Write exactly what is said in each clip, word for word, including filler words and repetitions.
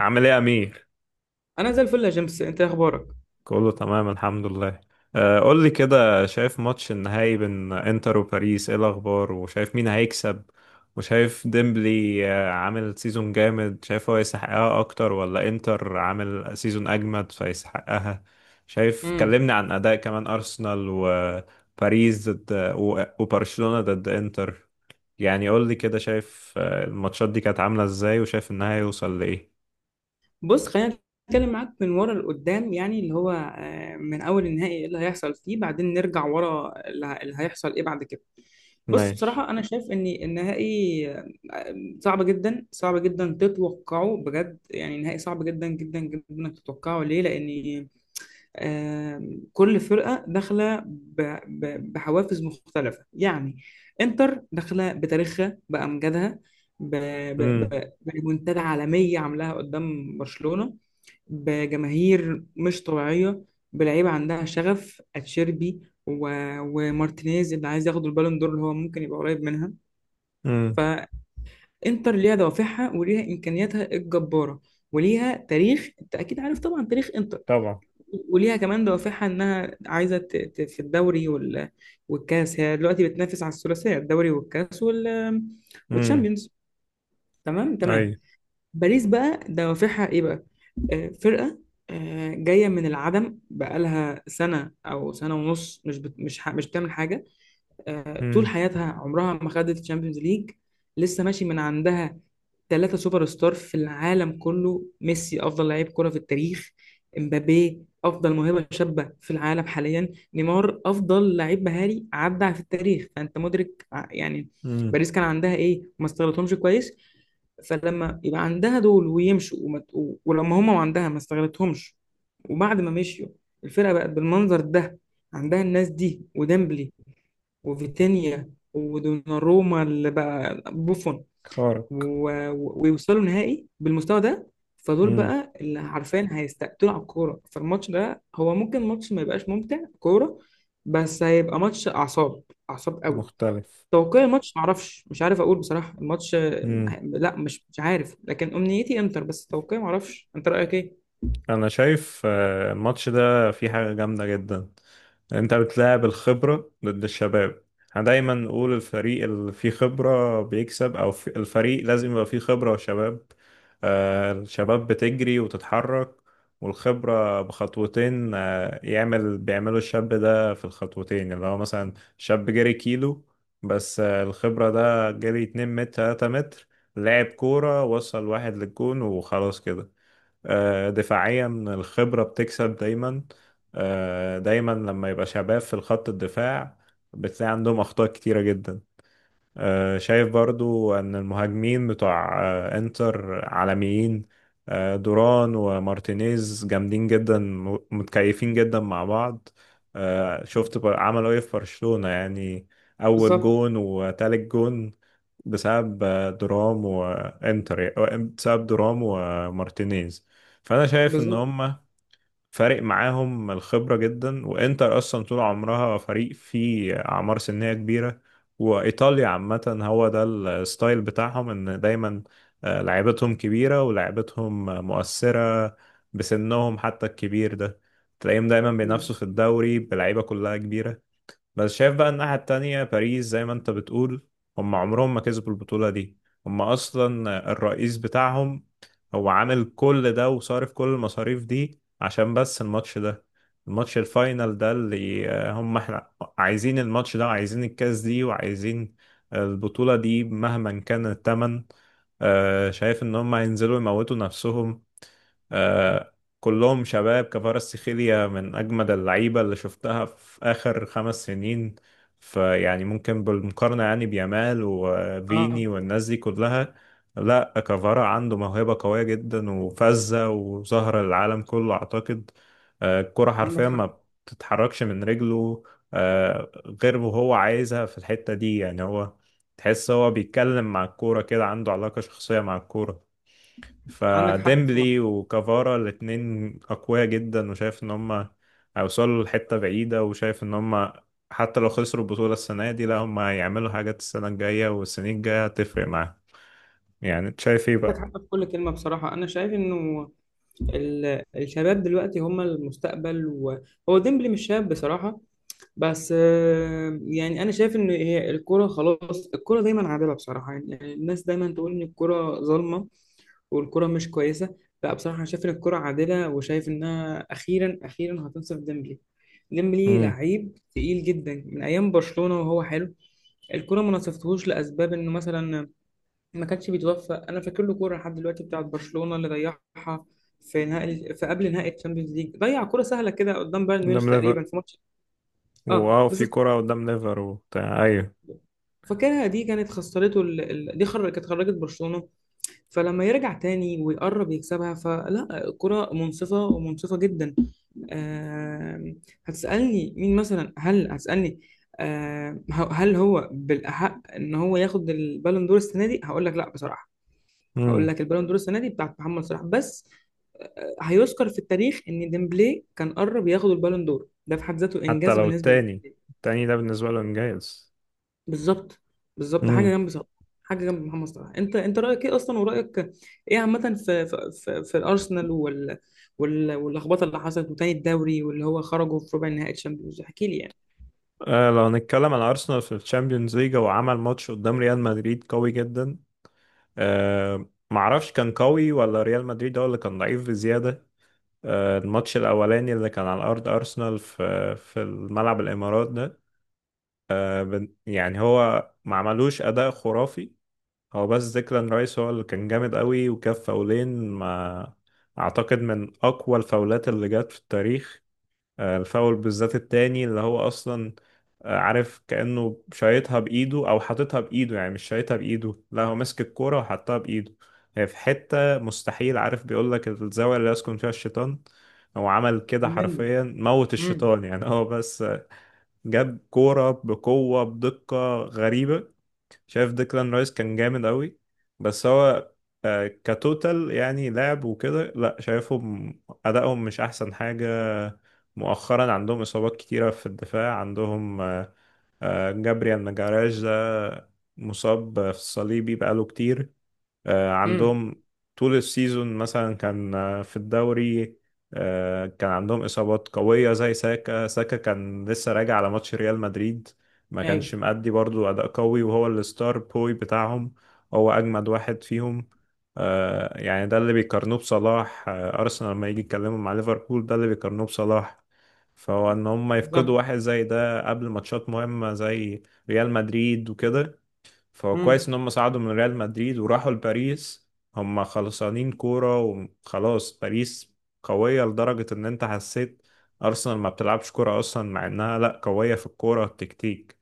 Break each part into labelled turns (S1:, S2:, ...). S1: عامل ايه يا امير؟
S2: انا زي الفل يا جيمس، انت إيه اخبارك؟
S1: كله تمام الحمد لله. آه، قول لي كده، شايف ماتش النهائي بين انتر وباريس، ايه الاخبار؟ وشايف مين هيكسب؟ وشايف ديمبلي، آه، عامل سيزون جامد، شايف هو يستحقها اكتر ولا انتر عامل سيزون اجمد فيستحقها؟ شايف،
S2: امم.
S1: كلمني عن اداء كمان ارسنال وباريس ضد و- وبرشلونة ضد انتر. يعني قول لي كده، شايف آه، الماتشات دي كانت عاملة ازاي؟ وشايف النهائي يوصل لايه؟
S2: بص، خلينا نتكلم معاك من ورا لقدام، يعني اللي هو آه، من اول النهائي ايه اللي هيحصل فيه، بعدين نرجع ورا اللي ه- اللي هيحصل ايه بعد كده. بص،
S1: ماشي.
S2: بصراحة أنا شايف إن النهائي آه، صعب جدا، صعب جدا تتوقعه، بجد يعني نهائي صعب جدا جدا جدا إنك تتوقعه. ليه؟ لأن آم، كل فرقة داخلة ب- ب- بحوافز مختلفة يعني. انتر داخلة بتاريخها، بأمجادها، ب- ب-
S1: امم.
S2: ب- بريمونتادا عالمية عاملاها قدام برشلونة، بجماهير مش طبيعية، بلعيبة عندها شغف، اتشيربي و... ومارتينيز اللي عايز ياخد البالون دور، اللي هو ممكن يبقى قريب منها.
S1: امم.
S2: فانتر ليها دوافعها، وليها امكانياتها الجبارة، وليها تاريخ، انت اكيد عارف طبعا تاريخ انتر،
S1: طبعا.
S2: وليها كمان دوافعها انها عايزه ت- ت- في الدوري وال... والكاس، هي دلوقتي بتنافس على الثلاثيه، الدوري والكاس وال...
S1: امم.
S2: والشامبيونز. تمام
S1: اي.
S2: تمام. باريس بقى دوافعها ايه بقى؟ آه فرقه آه جايه من العدم، بقالها سنه او سنه ونص مش بت... مش ح... مش بتعمل حاجه. آه طول
S1: امم.
S2: حياتها عمرها ما خدت الشامبيونز ليج، لسه ماشي من عندها ثلاثة سوبر ستار في العالم كله. ميسي أفضل لعيب كرة في التاريخ، امبابي أفضل موهبة شابة في العالم حاليا، نيمار أفضل لعيب مهاري عدى في التاريخ، فأنت مدرك ع- يعني
S1: امم.
S2: باريس كان عندها إيه ما استغلتهمش كويس. فلما يبقى عندها دول ويمشوا وما ت- و- ولما هما وعندها ما استغلتهمش، وبعد ما مشيوا الفرقة بقت بالمنظر ده. عندها الناس دي وديمبلي وفيتينيا ودوناروما اللي بقى بوفون
S1: خارق.
S2: و- ويوصلوا نهائي بالمستوى ده. فدول
S1: امم.
S2: بقى اللي عارفين هيستقتلوا على الكورة، فالماتش ده هو ممكن ماتش ما يبقاش ممتع كورة، بس هيبقى ماتش أعصاب، أعصاب قوي.
S1: مختلف.
S2: توقع الماتش معرفش، مش عارف أقول بصراحة الماتش آه،
S1: مم.
S2: لا مش مش عارف، لكن أمنيتي إنتر، بس توقعي معرفش، أنت رأيك إيه؟
S1: انا شايف آه، الماتش ده فيه حاجة جامدة جدا. انت بتلاعب الخبرة ضد الشباب. احنا دايما نقول الفريق اللي فيه خبرة بيكسب، او في الفريق لازم يبقى فيه خبرة وشباب. آه، الشباب بتجري وتتحرك، والخبرة بخطوتين، آه، يعمل بيعملوا الشاب ده في الخطوتين، اللي هو مثلا شاب جري كيلو، بس آه، الخبرة ده جري اتنين متر تلات متر، لعب كورة، وصل واحد للجون وخلاص كده. آه، دفاعيا الخبرة بتكسب دايما. آه، دايما لما يبقى شباب في الخط الدفاع، بتلاقي عندهم أخطاء كتيرة جدا. آه، شايف برضو ان المهاجمين بتوع آه، انتر عالميين. آه، دوران ومارتينيز جامدين جدا، م- متكيفين جدا مع بعض. آه، شفت بر- عملوا ايه في برشلونة يعني؟ اول
S2: بالظبط.
S1: جون وتالت جون بسبب آه، درام وانتر، آه، بسبب درام ومارتينيز. فانا شايف ان
S2: بالظبط.
S1: هم فارق معاهم الخبرة جدا. وانتر اصلا طول عمرها فريق فيه اعمار سنية كبيرة، وايطاليا عامة هو ده الستايل بتاعهم، ان دايما آه، لعيبتهم كبيرة ولعيبتهم مؤثرة بسنهم حتى الكبير ده. تلاقيهم دايما
S2: مم.
S1: بينافسوا في الدوري بلعيبة كلها كبيرة. بس شايف بقى الناحية التانية، باريس زي ما انت بتقول، هم عمرهم ما كسبوا البطولة دي. هم أصلا الرئيس بتاعهم هو عامل كل ده وصارف كل المصاريف دي عشان بس الماتش ده، الماتش الفاينل ده اللي آه، هم احنا عايزين الماتش ده، وعايزين الكاس دي، وعايزين البطولة دي مهما كان التمن. آه، شايف ان هم هينزلوا يموتوا نفسهم. آه، كلهم شباب، كفاراتسخيليا من أجمد اللعيبة اللي شفتها في آخر خمس سنين، فيعني ممكن بالمقارنة يعني بيامال
S2: اه.
S1: وفيني والناس دي كلها. لا، كفارا عنده موهبة قوية جدا وفذة، وظهر العالم كله أعتقد. آه، الكرة
S2: عندك
S1: حرفيا
S2: حق.
S1: ما بتتحركش من رجله، آه، غير وهو عايزها في الحتة دي، يعني هو تحس هو بيتكلم مع الكورة كده، عنده علاقة شخصية مع الكورة.
S2: عندك حق بصراحة.
S1: فديمبلي وكافارا الاتنين أقوياء جدا، وشايف إن هما هيوصلوا لحتة بعيدة، وشايف إن هما حتى لو خسروا البطولة السنة دي، لا هما هيعملوا حاجات، السنة الجاية والسنين الجاية هتفرق معاهم. يعني أنت شايف إيه
S2: عندك
S1: بقى؟
S2: حق في كل كلمة. بصراحة أنا شايف إنه ال- الشباب دلوقتي هم المستقبل، وهو ديمبلي مش شاب بصراحة، بس آه، يعني أنا شايف إن هي الكرة خلاص، الكرة دايما عادلة بصراحة، يعني الناس دايما تقول إن الكرة ظالمة والكرة مش كويسة، لا بصراحة أنا شايف إن الكرة عادلة، وشايف إنها أخيرا أخيرا هتنصف ديمبلي. ديمبلي
S1: امم.
S2: لعيب تقيل جدا من أيام برشلونة وهو حلو. الكرة ما نصفتهوش لأسباب إنه مثلا ما كانش بيتوفق، انا فاكر له كوره لحد دلوقتي بتاعت برشلونه اللي ضيعها في نهائي، في قبل نهائي الشامبيونز ليج، ضيع كوره سهله كده قدام بايرن ميونخ
S1: قدام
S2: تقريبا
S1: ليفر.
S2: في ماتش. اه
S1: واو، في
S2: بالظبط.
S1: كرة قدام ليفر وبتاع، أيوه.
S2: فاكرها، دي كانت خسرته ال... ال... دي خر... كانت خرجت برشلونه. فلما يرجع تاني ويقرب يكسبها، فلا كرة منصفه ومنصفه جدا. آه... هتسالني مين مثلا، هل هتسالني آه... هل هو بالاحق ان هو ياخد البالون دور السنه دي؟ هقول لك لا بصراحه، هقول
S1: امم.
S2: لك البالون دور السنه دي بتاعت محمد صلاح بس. آه، هيذكر في التاريخ ان ديمبلي كان قرب ياخد البالون دور، ده في حد ذاته
S1: حتى
S2: انجاز
S1: لو
S2: بالنسبه لي.
S1: التاني، التاني ده بالنسبة له إنجاز.
S2: بالظبط. بالظبط، ده حاجه
S1: امم.
S2: جنب صلاح، حاجه جنب محمد صلاح. انت انت رايك ايه اصلا؟ ورايك ايه عامه في في في, في الارسنال وال وال واللخبطه اللي حصلت، وتاني الدوري، واللي هو خرجوا في ربع نهائي الشامبيونز، احكي لي يعني.
S1: آه لو هنتكلم عن أرسنال في الشامبيونز ليج، هو عمل ماتش قدام ريال مدريد قوي جدا. آه معرفش كان قوي ولا ريال مدريد هو اللي كان ضعيف بزيادة. آه الماتش الأولاني اللي كان على أرض أرسنال، في في الملعب الإمارات ده، آه بن- يعني هو ما عملوش أداء خرافي. هو بس ديكلان رايس هو اللي كان جامد قوي، وكان فاولين ما أعتقد من أقوى الفاولات اللي جت في التاريخ. آه، الفاول بالذات التاني، اللي هو اصلا آه، عارف كأنه شايطها بايده او حاططها بايده، يعني مش شايطها بايده، لا هو ماسك الكوره وحطها بايده. هي في حته مستحيل، عارف بيقول لك الزاويه اللي يسكن فيها الشيطان، هو عمل كده
S2: ملي.
S1: حرفيا، موت
S2: امم.
S1: الشيطان. يعني هو بس جاب كوره بقوه بدقه غريبه. شايف ديكلان رايس كان جامد قوي، بس هو آه، كتوتال يعني لعب وكده. لا شايفهم أدائهم مش أحسن حاجة. مؤخرا عندهم إصابات كتيرة في الدفاع. عندهم آه، جابريال ماجاراش ده مصاب في الصليبي بقاله كتير. آه،
S2: امم.
S1: عندهم طول السيزون مثلا، كان آه، في الدوري آه، كان عندهم إصابات قوية زي ساكا. ساكا كان لسه راجع على ماتش ريال مدريد، ما كانش
S2: ايوه.
S1: مأدي برضو أداء قوي، وهو الستار بوي بتاعهم، هو أجمد واحد فيهم. آه، يعني ده اللي بيقارنوه بصلاح، آه، أرسنال لما يجي يتكلموا مع ليفربول ده اللي بيقارنوه بصلاح. فهو إن هم يفقدوا
S2: بالظبط.
S1: واحد زي ده قبل ماتشات مهمة زي ريال مدريد وكده، فهو كويس
S2: امم.
S1: ان هم صعدوا من ريال مدريد وراحوا لباريس. هم خلصانين كورة وخلاص. باريس قوية لدرجة ان انت حسيت ارسنال ما بتلعبش كورة اصلا، مع انها لا قوية في الكورة التكتيك،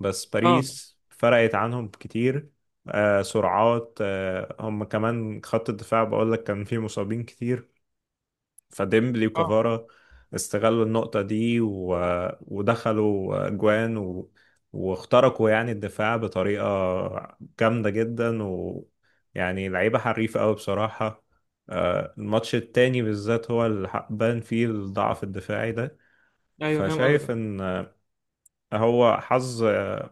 S1: بس
S2: اه.
S1: باريس فرقت عنهم كتير. آه سرعات، آه هم كمان خط الدفاع بقول لك كان فيه مصابين كتير. فديمبلي
S2: اه.
S1: وكافارا استغلوا النقطة دي، و... ودخلوا جوان، و... واخترقوا يعني الدفاع بطريقة جامدة جدا، ويعني لعيبة حريفة أوي بصراحة. آه، الماتش التاني بالذات هو اللي حق- بان فيه الضعف الدفاعي ده.
S2: ايوه فاهم
S1: فشايف
S2: قصدك.
S1: إن هو حظ،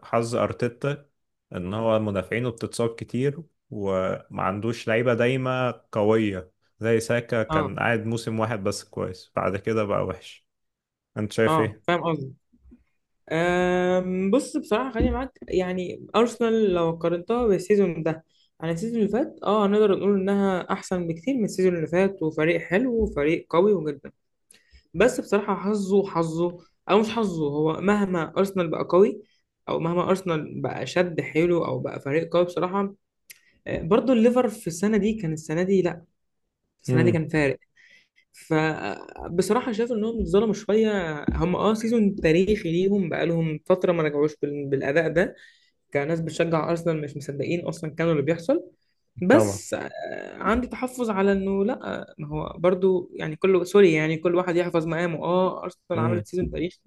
S1: حظ ارتيتا، ان هو مدافعينه بتتصاب كتير، وما عندوش لعيبه دايمه قويه، زي ساكا
S2: اه.
S1: كان قاعد موسم واحد بس كويس، بعد كده بقى وحش. انت شايف
S2: اه
S1: ايه؟
S2: فاهم قصدك. أم، بص، بصراحة خليني معاك، يعني أرسنال لو قارنتها بالسيزون ده عن السيزون اللي فات، اه هنقدر نقول إنها أحسن بكتير من السيزون اللي فات، وفريق حلو وفريق قوي جدا، بس بصراحة حظه حظه، أو مش حظه، هو مهما أرسنال بقى قوي، أو مهما أرسنال بقى شد حيله أو بقى فريق قوي بصراحة، آه، برضه الليفر في السنة دي كان، السنة دي لأ، السنة دي
S1: امم.
S2: كان فارق. فبصراحة شايف إنهم اتظلموا شوية، هم اه سيزون تاريخي ليهم، بقالهم فترة ما رجعوش بال- بالأداء ده، كناس بتشجع ارسنال مش مصدقين اصلا كانوا اللي بيحصل.
S1: طبعا.
S2: بس آه، عندي تحفظ على انه لا، ما هو برضو يعني كله سوري، يعني كل واحد يحفظ مقامه، اه ارسنال
S1: امم.
S2: عملت سيزون تاريخي،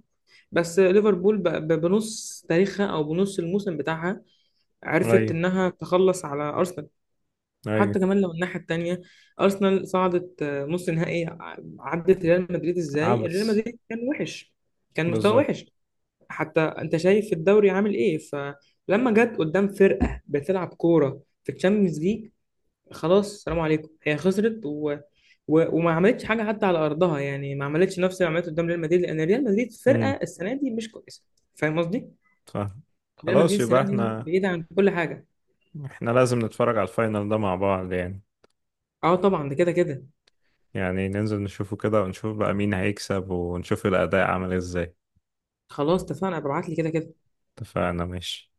S2: بس ليفربول ب- ب- بنص تاريخها او بنص الموسم بتاعها عرفت
S1: ايوه.
S2: انها تخلص على ارسنال.
S1: ايوه.
S2: حتى كمان لو الناحيه التانيه، ارسنال صعدت آه، نص نهائي ع- عدت ريال مدريد، ازاي ريال
S1: عبس.
S2: مدريد كان وحش، كان مستوى
S1: بالظبط.
S2: وحش. حتى انت شايف الدوري عامل ايه، فلما جت قدام فرقه بتلعب كوره في الشامبيونز ليج، خلاص سلام عليكم، هي خسرت و... و... وما عملتش حاجه حتى على ارضها، يعني ما عملتش نفس اللي عملته قدام ريال مدريد، لان ريال مدريد
S1: امم.
S2: فرقه السنه دي مش كويسه. فاهم قصدي؟
S1: فاهم.
S2: ريال مدريد
S1: خلاص،
S2: السنه
S1: يبقى
S2: دي
S1: احنا
S2: بعيده عن كل حاجه.
S1: احنا لازم نتفرج على الفاينل ده مع بعض يعني،
S2: اه طبعا ده كده كده.
S1: يعني ننزل نشوفه كده، ونشوف بقى مين هيكسب، ونشوف الاداء عامل ازاي.
S2: خلاص اتفقنا، ببعت لي كده كده.
S1: اتفقنا ماشي.